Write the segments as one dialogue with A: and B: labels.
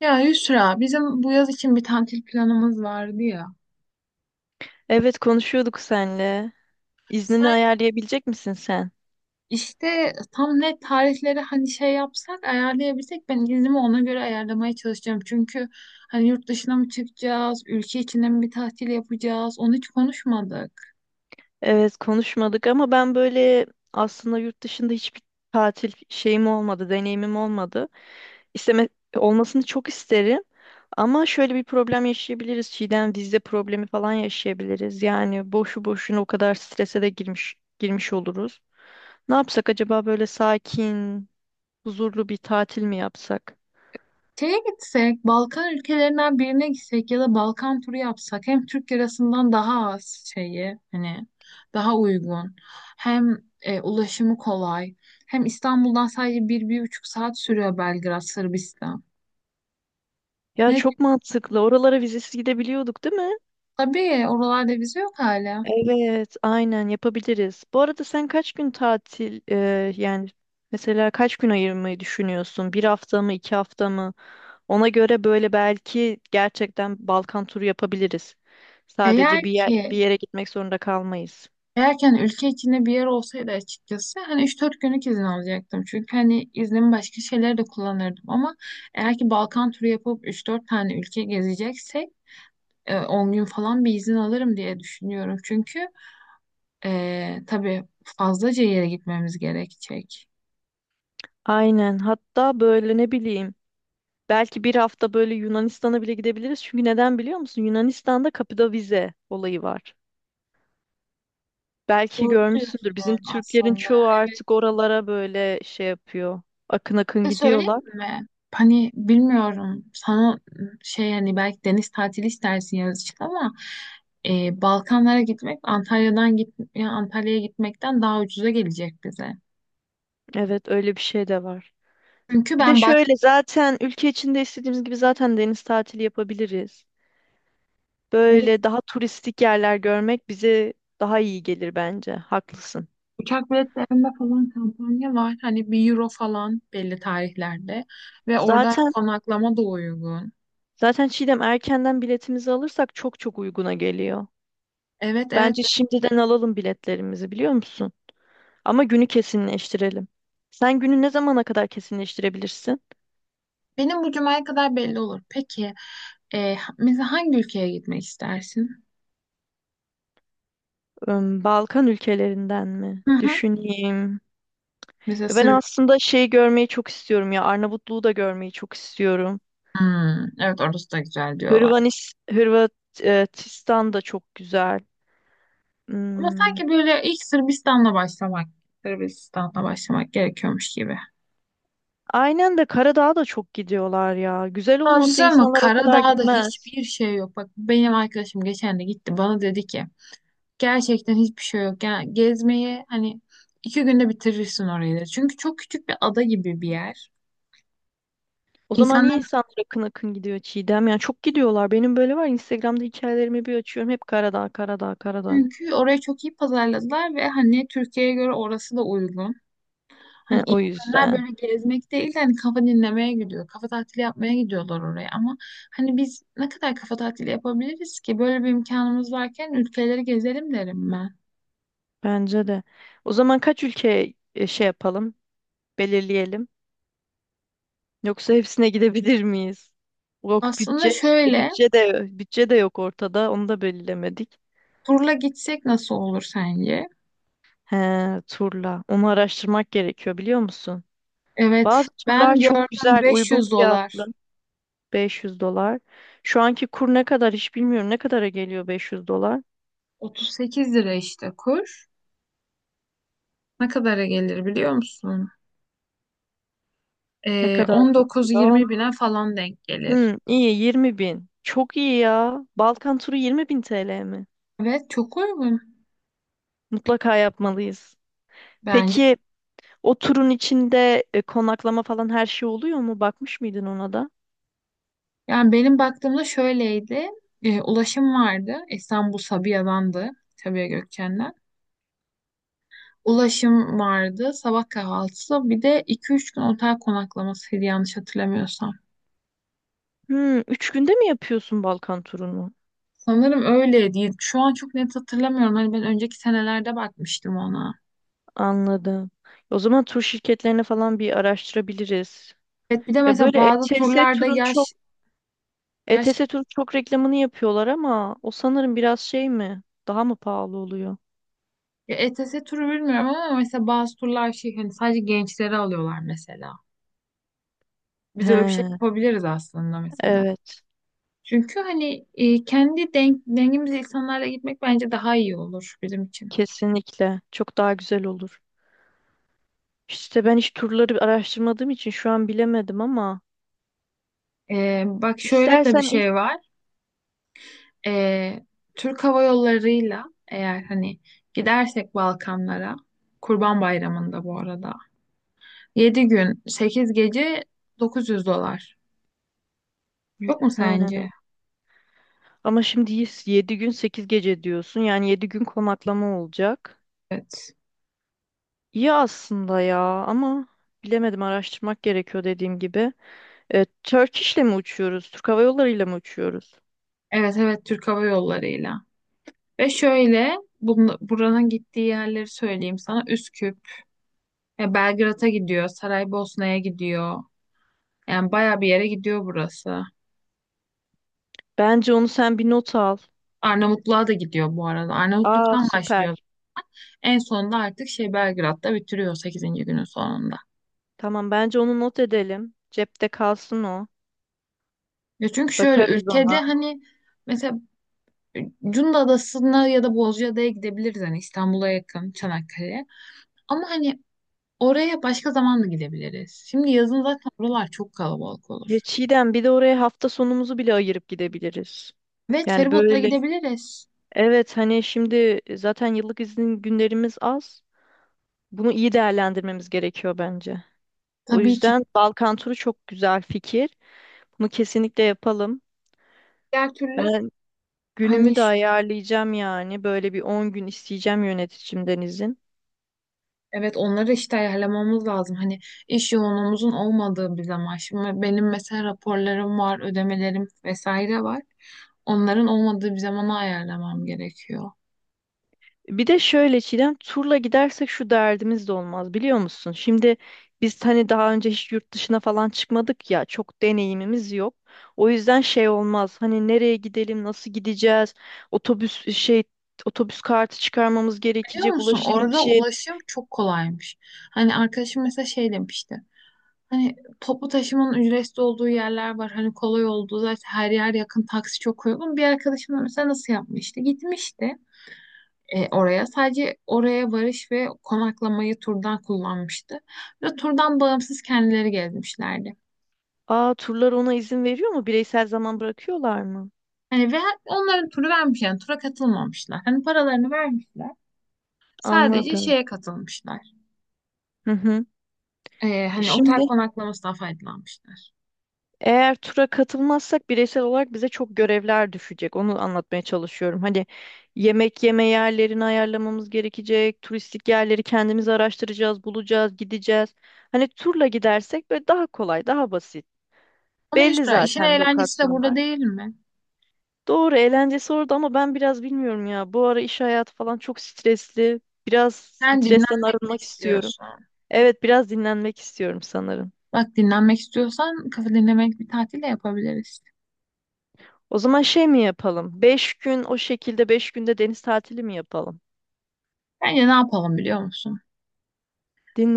A: Ya Yusra, bizim bu yaz için bir tatil planımız vardı ya.
B: Evet konuşuyorduk senle. İznini
A: Sen
B: ayarlayabilecek misin sen?
A: işte tam net tarihleri hani şey yapsak, ayarlayabilsek ben iznimi ona göre ayarlamaya çalışacağım. Çünkü hani yurt dışına mı çıkacağız, ülke içinde mi bir tatil yapacağız, onu hiç konuşmadık.
B: Evet konuşmadık ama ben böyle aslında yurt dışında hiçbir tatil şeyim olmadı, deneyimim olmadı. İsteme Olmasını çok isterim. Ama şöyle bir problem yaşayabiliriz. Çiğdem vize problemi falan yaşayabiliriz. Yani boşu boşuna o kadar strese de girmiş oluruz. Ne yapsak acaba böyle sakin, huzurlu bir tatil mi yapsak?
A: Şeye gitsek, Balkan ülkelerinden birine gitsek ya da Balkan turu yapsak hem Türk lirasından daha az şeyi hani daha uygun, hem ulaşımı kolay, hem İstanbul'dan sadece 1, 1,5 saat sürüyor Belgrad Sırbistan.
B: Ya
A: Ve
B: çok mantıklı. Oralara vizesiz gidebiliyorduk, değil mi?
A: tabii oralarda vize yok hala.
B: Evet, aynen yapabiliriz. Bu arada sen kaç gün tatil, yani mesela kaç gün ayırmayı düşünüyorsun? Bir hafta mı, 2 hafta mı? Ona göre böyle belki gerçekten Balkan turu yapabiliriz.
A: Eğer
B: Sadece bir
A: ki
B: yere gitmek zorunda kalmayız.
A: eğer ki hani ülke içinde bir yer olsaydı, açıkçası hani 3-4 günlük izin alacaktım. Çünkü hani iznimi başka şeylere de kullanırdım, ama eğer ki Balkan turu yapıp üç dört tane ülke gezeceksek 10 gün falan bir izin alırım diye düşünüyorum. Çünkü tabii fazlaca yere gitmemiz gerekecek.
B: Aynen. Hatta böyle ne bileyim belki bir hafta böyle Yunanistan'a bile gidebiliriz. Çünkü neden biliyor musun? Yunanistan'da kapıda vize olayı var. Belki
A: Doğru
B: görmüşsündür. Bizim
A: diyorsun
B: Türklerin
A: aslında.
B: çoğu
A: Evet.
B: artık oralara böyle şey yapıyor. Akın
A: Bir
B: akın
A: de söyleyeyim
B: gidiyorlar.
A: mi? Hani bilmiyorum sana, şey hani belki deniz tatili istersin yaz için, ama Balkanlara gitmek Antalya'ya gitmekten daha ucuza gelecek bize.
B: Evet, öyle bir şey de var.
A: Çünkü
B: Bir de
A: ben bak,
B: şöyle zaten ülke içinde istediğimiz gibi zaten deniz tatili yapabiliriz. Böyle daha turistik yerler görmek bize daha iyi gelir bence. Haklısın.
A: uçak biletlerinde falan kampanya var. Hani 1 euro falan belli tarihlerde. Ve orada
B: Zaten
A: konaklama da uygun.
B: zaten Çiğdem erkenden biletimizi alırsak çok çok uyguna geliyor.
A: Evet, evet.
B: Bence şimdiden alalım biletlerimizi, biliyor musun? Ama günü kesinleştirelim. Sen günü ne zamana kadar kesinleştirebilirsin?
A: Benim bu cumaya kadar belli olur. Peki mesela hangi ülkeye gitmek istersin?
B: Balkan ülkelerinden mi?
A: Hı hı.
B: Düşüneyim.
A: Mesela
B: Ya ben
A: Sırbistan.
B: aslında şey görmeyi çok istiyorum ya. Arnavutluğu da görmeyi çok istiyorum.
A: Evet, orası da güzel diyorlar.
B: Hırvatistan da çok güzel.
A: Ama
B: Hmm,
A: sanki böyle ilk Sırbistan'la başlamak, Sırbistan'la başlamak gerekiyormuş gibi.
B: Aynen de Karadağ'a da çok gidiyorlar ya. Güzel
A: Ama bir şey
B: olmasa
A: söyleyeyim mi?
B: insanlar o kadar
A: Karadağ'da
B: gitmez.
A: hiçbir şey yok. Bak, benim arkadaşım geçen de gitti. Bana dedi ki gerçekten hiçbir şey yok. Yani gezmeyi hani 2 günde bitirirsin orayı da. Çünkü çok küçük bir ada gibi bir yer.
B: O zaman niye
A: İnsanlar,
B: insanlar akın akın gidiyor Çiğdem? Yani çok gidiyorlar. Benim böyle var. Instagram'da hikayelerimi bir açıyorum. Hep Karadağ, Karadağ, Karadağ.
A: çünkü orayı çok iyi pazarladılar ve hani Türkiye'ye göre orası da uygun.
B: He,
A: Hani
B: o
A: insanlar
B: yüzden.
A: böyle gezmek değil de hani kafa dinlemeye gidiyor. Kafa tatili yapmaya gidiyorlar oraya, ama hani biz ne kadar kafa tatili yapabiliriz ki? Böyle bir imkanımız varken ülkeleri gezelim derim ben.
B: Bence de. O zaman kaç ülke şey yapalım? Belirleyelim. Yoksa hepsine gidebilir miyiz? Yok
A: Aslında
B: bütçe, şimdi
A: şöyle,
B: bütçe de yok ortada. Onu da belirlemedik.
A: turla gitsek nasıl olur sence?
B: He, turla. Onu araştırmak gerekiyor, biliyor musun?
A: Evet,
B: Bazı turlar
A: ben
B: çok
A: gördüm
B: güzel, uygun
A: 500
B: fiyatlı.
A: dolar.
B: 500 dolar. Şu anki kur ne kadar hiç bilmiyorum. Ne kadara geliyor 500 dolar?
A: 38 lira işte kur. Ne kadara gelir biliyor musun?
B: Ne kadar geliyor?
A: 19-20 bine falan denk gelir.
B: İyi 20 bin. Çok iyi ya. Balkan turu 20 bin TL mi?
A: Evet, çok uygun
B: Mutlaka yapmalıyız.
A: bence.
B: Peki, o turun içinde konaklama falan her şey oluyor mu? Bakmış mıydın ona da?
A: Yani benim baktığımda şöyleydi. Ulaşım vardı. İstanbul Sabiha'dandı. Sabiha Gökçen'den. Ulaşım vardı. Sabah kahvaltısı. Bir de 2-3 gün otel konaklamasıydı, yanlış hatırlamıyorsam.
B: 3 günde mi yapıyorsun Balkan turunu?
A: Sanırım öyleydi. Şu an çok net hatırlamıyorum. Hani ben önceki senelerde bakmıştım ona.
B: Anladım. O zaman tur şirketlerini falan bir araştırabiliriz.
A: Evet, bir de
B: Ya
A: mesela
B: böyle
A: bazı
B: ETS
A: turlarda
B: turun çok
A: yaş, yaş
B: ETS turun çok reklamını yapıyorlar ama o sanırım biraz şey mi? Daha mı pahalı oluyor?
A: ya ETS turu bilmiyorum, ama mesela bazı turlar şey hani sadece gençleri alıyorlar mesela. Biz öyle bir şey
B: He,
A: yapabiliriz aslında mesela.
B: evet,
A: Çünkü hani kendi dengimiz insanlarla gitmek bence daha iyi olur bizim için.
B: kesinlikle. Çok daha güzel olur. İşte ben hiç turları araştırmadığım için şu an bilemedim ama
A: Bak şöyle de bir
B: istersen ilk.
A: şey var. E, Türk Hava Yolları'yla eğer hani gidersek Balkanlara, Kurban Bayramı'nda bu arada, 7 gün 8 gece 900 dolar. Çok mu
B: He.
A: sence?
B: Ama şimdi 7 gün 8 gece diyorsun. Yani 7 gün konaklama olacak.
A: Evet.
B: İyi aslında ya ama bilemedim, araştırmak gerekiyor dediğim gibi. Turkish'le mi uçuyoruz? Türk Hava Yolları ile mi uçuyoruz?
A: Evet, evet, Türk Hava Yolları'yla. Ve şöyle, buranın gittiği yerleri söyleyeyim sana. Üsküp, Belgrad'a gidiyor, Saraybosna'ya gidiyor. Yani bayağı bir yere gidiyor burası.
B: Bence onu sen bir not al.
A: Arnavutluğa da gidiyor bu arada.
B: Aa,
A: Arnavutluk'tan başlıyor.
B: süper.
A: En sonunda artık şey Belgrad'da bitiriyor, sekizinci günün sonunda.
B: Tamam, bence onu not edelim. Cepte kalsın o.
A: Ya, çünkü şöyle,
B: Bakarız
A: ülkede
B: ona.
A: hani mesela Cunda Adası'na ya da Bozcaada'ya gidebiliriz, hani İstanbul'a yakın, Çanakkale'ye. Ama hani oraya başka zaman da gidebiliriz. Şimdi yazın zaten oralar çok kalabalık
B: Ya
A: olur.
B: Çiğdem, bir de oraya hafta sonumuzu bile ayırıp gidebiliriz.
A: Evet,
B: Yani
A: feribotla
B: böyle
A: gidebiliriz.
B: evet, hani şimdi zaten yıllık izin günlerimiz az. Bunu iyi değerlendirmemiz gerekiyor bence. O
A: Tabii ki.
B: yüzden Balkan turu çok güzel fikir. Bunu kesinlikle yapalım.
A: Diğer türlü
B: Ben
A: hani
B: günümü de ayarlayacağım yani. Böyle bir 10 gün isteyeceğim yöneticimden izin.
A: evet, onları işte ayarlamamız lazım. Hani iş yoğunluğumuzun olmadığı bir zaman. Şimdi benim mesela raporlarım var, ödemelerim vesaire var. Onların olmadığı bir zamana ayarlamam gerekiyor.
B: Bir de şöyle Çiğdem, turla gidersek şu derdimiz de olmaz, biliyor musun? Şimdi biz hani daha önce hiç yurt dışına falan çıkmadık ya, çok deneyimimiz yok. O yüzden şey olmaz. Hani nereye gidelim, nasıl gideceğiz? Otobüs şey Otobüs kartı çıkarmamız
A: Biliyor
B: gerekecek,
A: musun,
B: ulaşım
A: orada
B: için.
A: ulaşım çok kolaymış. Hani arkadaşım mesela şey demişti. Hani toplu taşımanın ücretsiz olduğu yerler var. Hani kolay olduğu, zaten her yer yakın, taksi çok uygun. Bir arkadaşım da mesela nasıl yapmıştı? Gitmişti oraya. Sadece oraya varış ve konaklamayı turdan kullanmıştı. Ve turdan bağımsız kendileri gelmişlerdi.
B: Aa, turlar ona izin veriyor mu? Bireysel zaman bırakıyorlar mı?
A: Hani ve onların turu vermiş, yani tura katılmamışlar. Hani paralarını vermişler. Sadece
B: Anladım.
A: şeye katılmışlar.
B: Hı hı.
A: Hani otel
B: Şimdi
A: konaklamasından faydalanmışlar.
B: eğer tura katılmazsak bireysel olarak bize çok görevler düşecek. Onu anlatmaya çalışıyorum. Hani yemek yeme yerlerini ayarlamamız gerekecek. Turistik yerleri kendimiz araştıracağız, bulacağız, gideceğiz. Hani turla gidersek böyle daha kolay, daha basit.
A: Ama
B: Belli
A: Yusra, işin
B: zaten
A: eğlencesi de burada
B: lokasyonlar.
A: değil mi?
B: Doğru, eğlencesi orada ama ben biraz bilmiyorum ya. Bu ara iş hayatı falan çok stresli. Biraz
A: Sen
B: stresten
A: dinlenmek mi
B: arınmak istiyorum.
A: istiyorsun?
B: Evet, biraz dinlenmek istiyorum sanırım.
A: Bak, dinlenmek istiyorsan kafa dinlemek bir tatil de yapabiliriz.
B: O zaman şey mi yapalım? 5 günde deniz tatili mi yapalım?
A: Bence ne yapalım biliyor musun?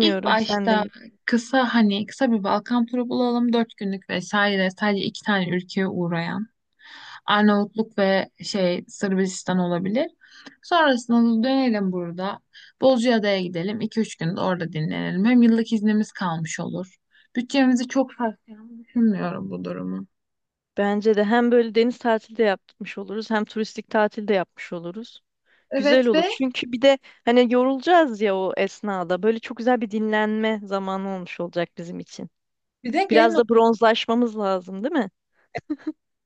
A: İlk
B: sen
A: başta
B: de.
A: kısa, hani kısa bir Balkan turu bulalım. 4 günlük vesaire, sadece iki tane ülkeye uğrayan. Arnavutluk ve şey Sırbistan olabilir. Sonrasında da dönelim burada. Bozcaada'ya gidelim. 2-3 gün de orada dinlenelim. Hem yıllık iznimiz kalmış olur. Bütçemizi çok sarsacağını düşünmüyorum bu durumu.
B: Bence de hem böyle deniz tatili de yapmış oluruz hem turistik tatil de yapmış oluruz. Güzel
A: Evet,
B: olur.
A: ve
B: Çünkü bir de hani yorulacağız ya o esnada. Böyle çok güzel bir dinlenme zamanı olmuş olacak bizim için.
A: bir de gelin
B: Biraz da bronzlaşmamız lazım, değil mi?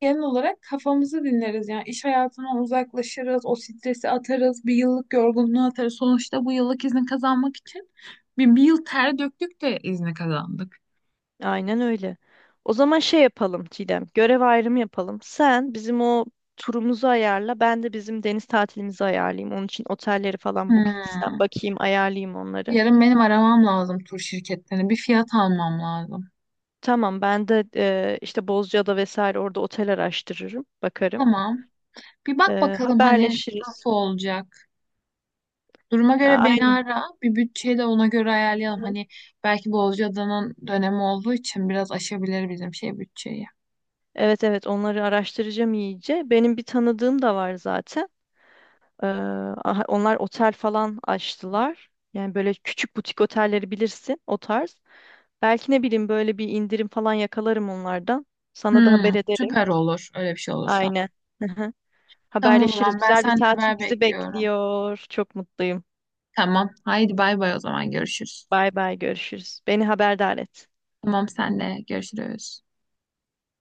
A: genel olarak kafamızı dinleriz. Yani iş hayatından uzaklaşırız, o stresi atarız, bir yıllık yorgunluğu atarız. Sonuçta bu yıllık izni kazanmak için bir yıl ter döktük de izni kazandık.
B: Aynen öyle. O zaman şey yapalım Çiğdem, görev ayrımı yapalım. Sen bizim o turumuzu ayarla, ben de bizim deniz tatilimizi ayarlayayım. Onun için otelleri falan Booking'den
A: Hmm.
B: bakayım, ayarlayayım onları.
A: Yarın benim aramam lazım tur şirketlerini. Bir fiyat almam lazım.
B: Tamam, ben de işte Bozcaada vesaire orada otel araştırırım, bakarım.
A: Tamam. Bir bak bakalım hani
B: Haberleşiriz.
A: nasıl olacak. Duruma göre beni
B: Aynen.
A: ara. Bir bütçeyi de ona göre ayarlayalım. Hani belki Bozcaada'nın dönemi olduğu için biraz aşabilir bizim şey bütçeyi.
B: Evet, evet, onları araştıracağım iyice. Benim bir tanıdığım da var zaten. Aha, onlar otel falan açtılar. Yani böyle küçük butik otelleri bilirsin, o tarz. Belki ne bileyim böyle bir indirim falan yakalarım onlardan. Sana da haber
A: Hmm,
B: ederim.
A: süper olur. Öyle bir şey olursa.
B: Aynen. Hı hı.
A: Tamam, o
B: Haberleşiriz.
A: zaman ben
B: Güzel bir
A: senden haber
B: tatil bizi
A: bekliyorum.
B: bekliyor. Çok mutluyum.
A: Tamam. Haydi bay bay, o zaman görüşürüz.
B: Bay bay, görüşürüz. Beni haberdar et.
A: Tamam, senle görüşürüz.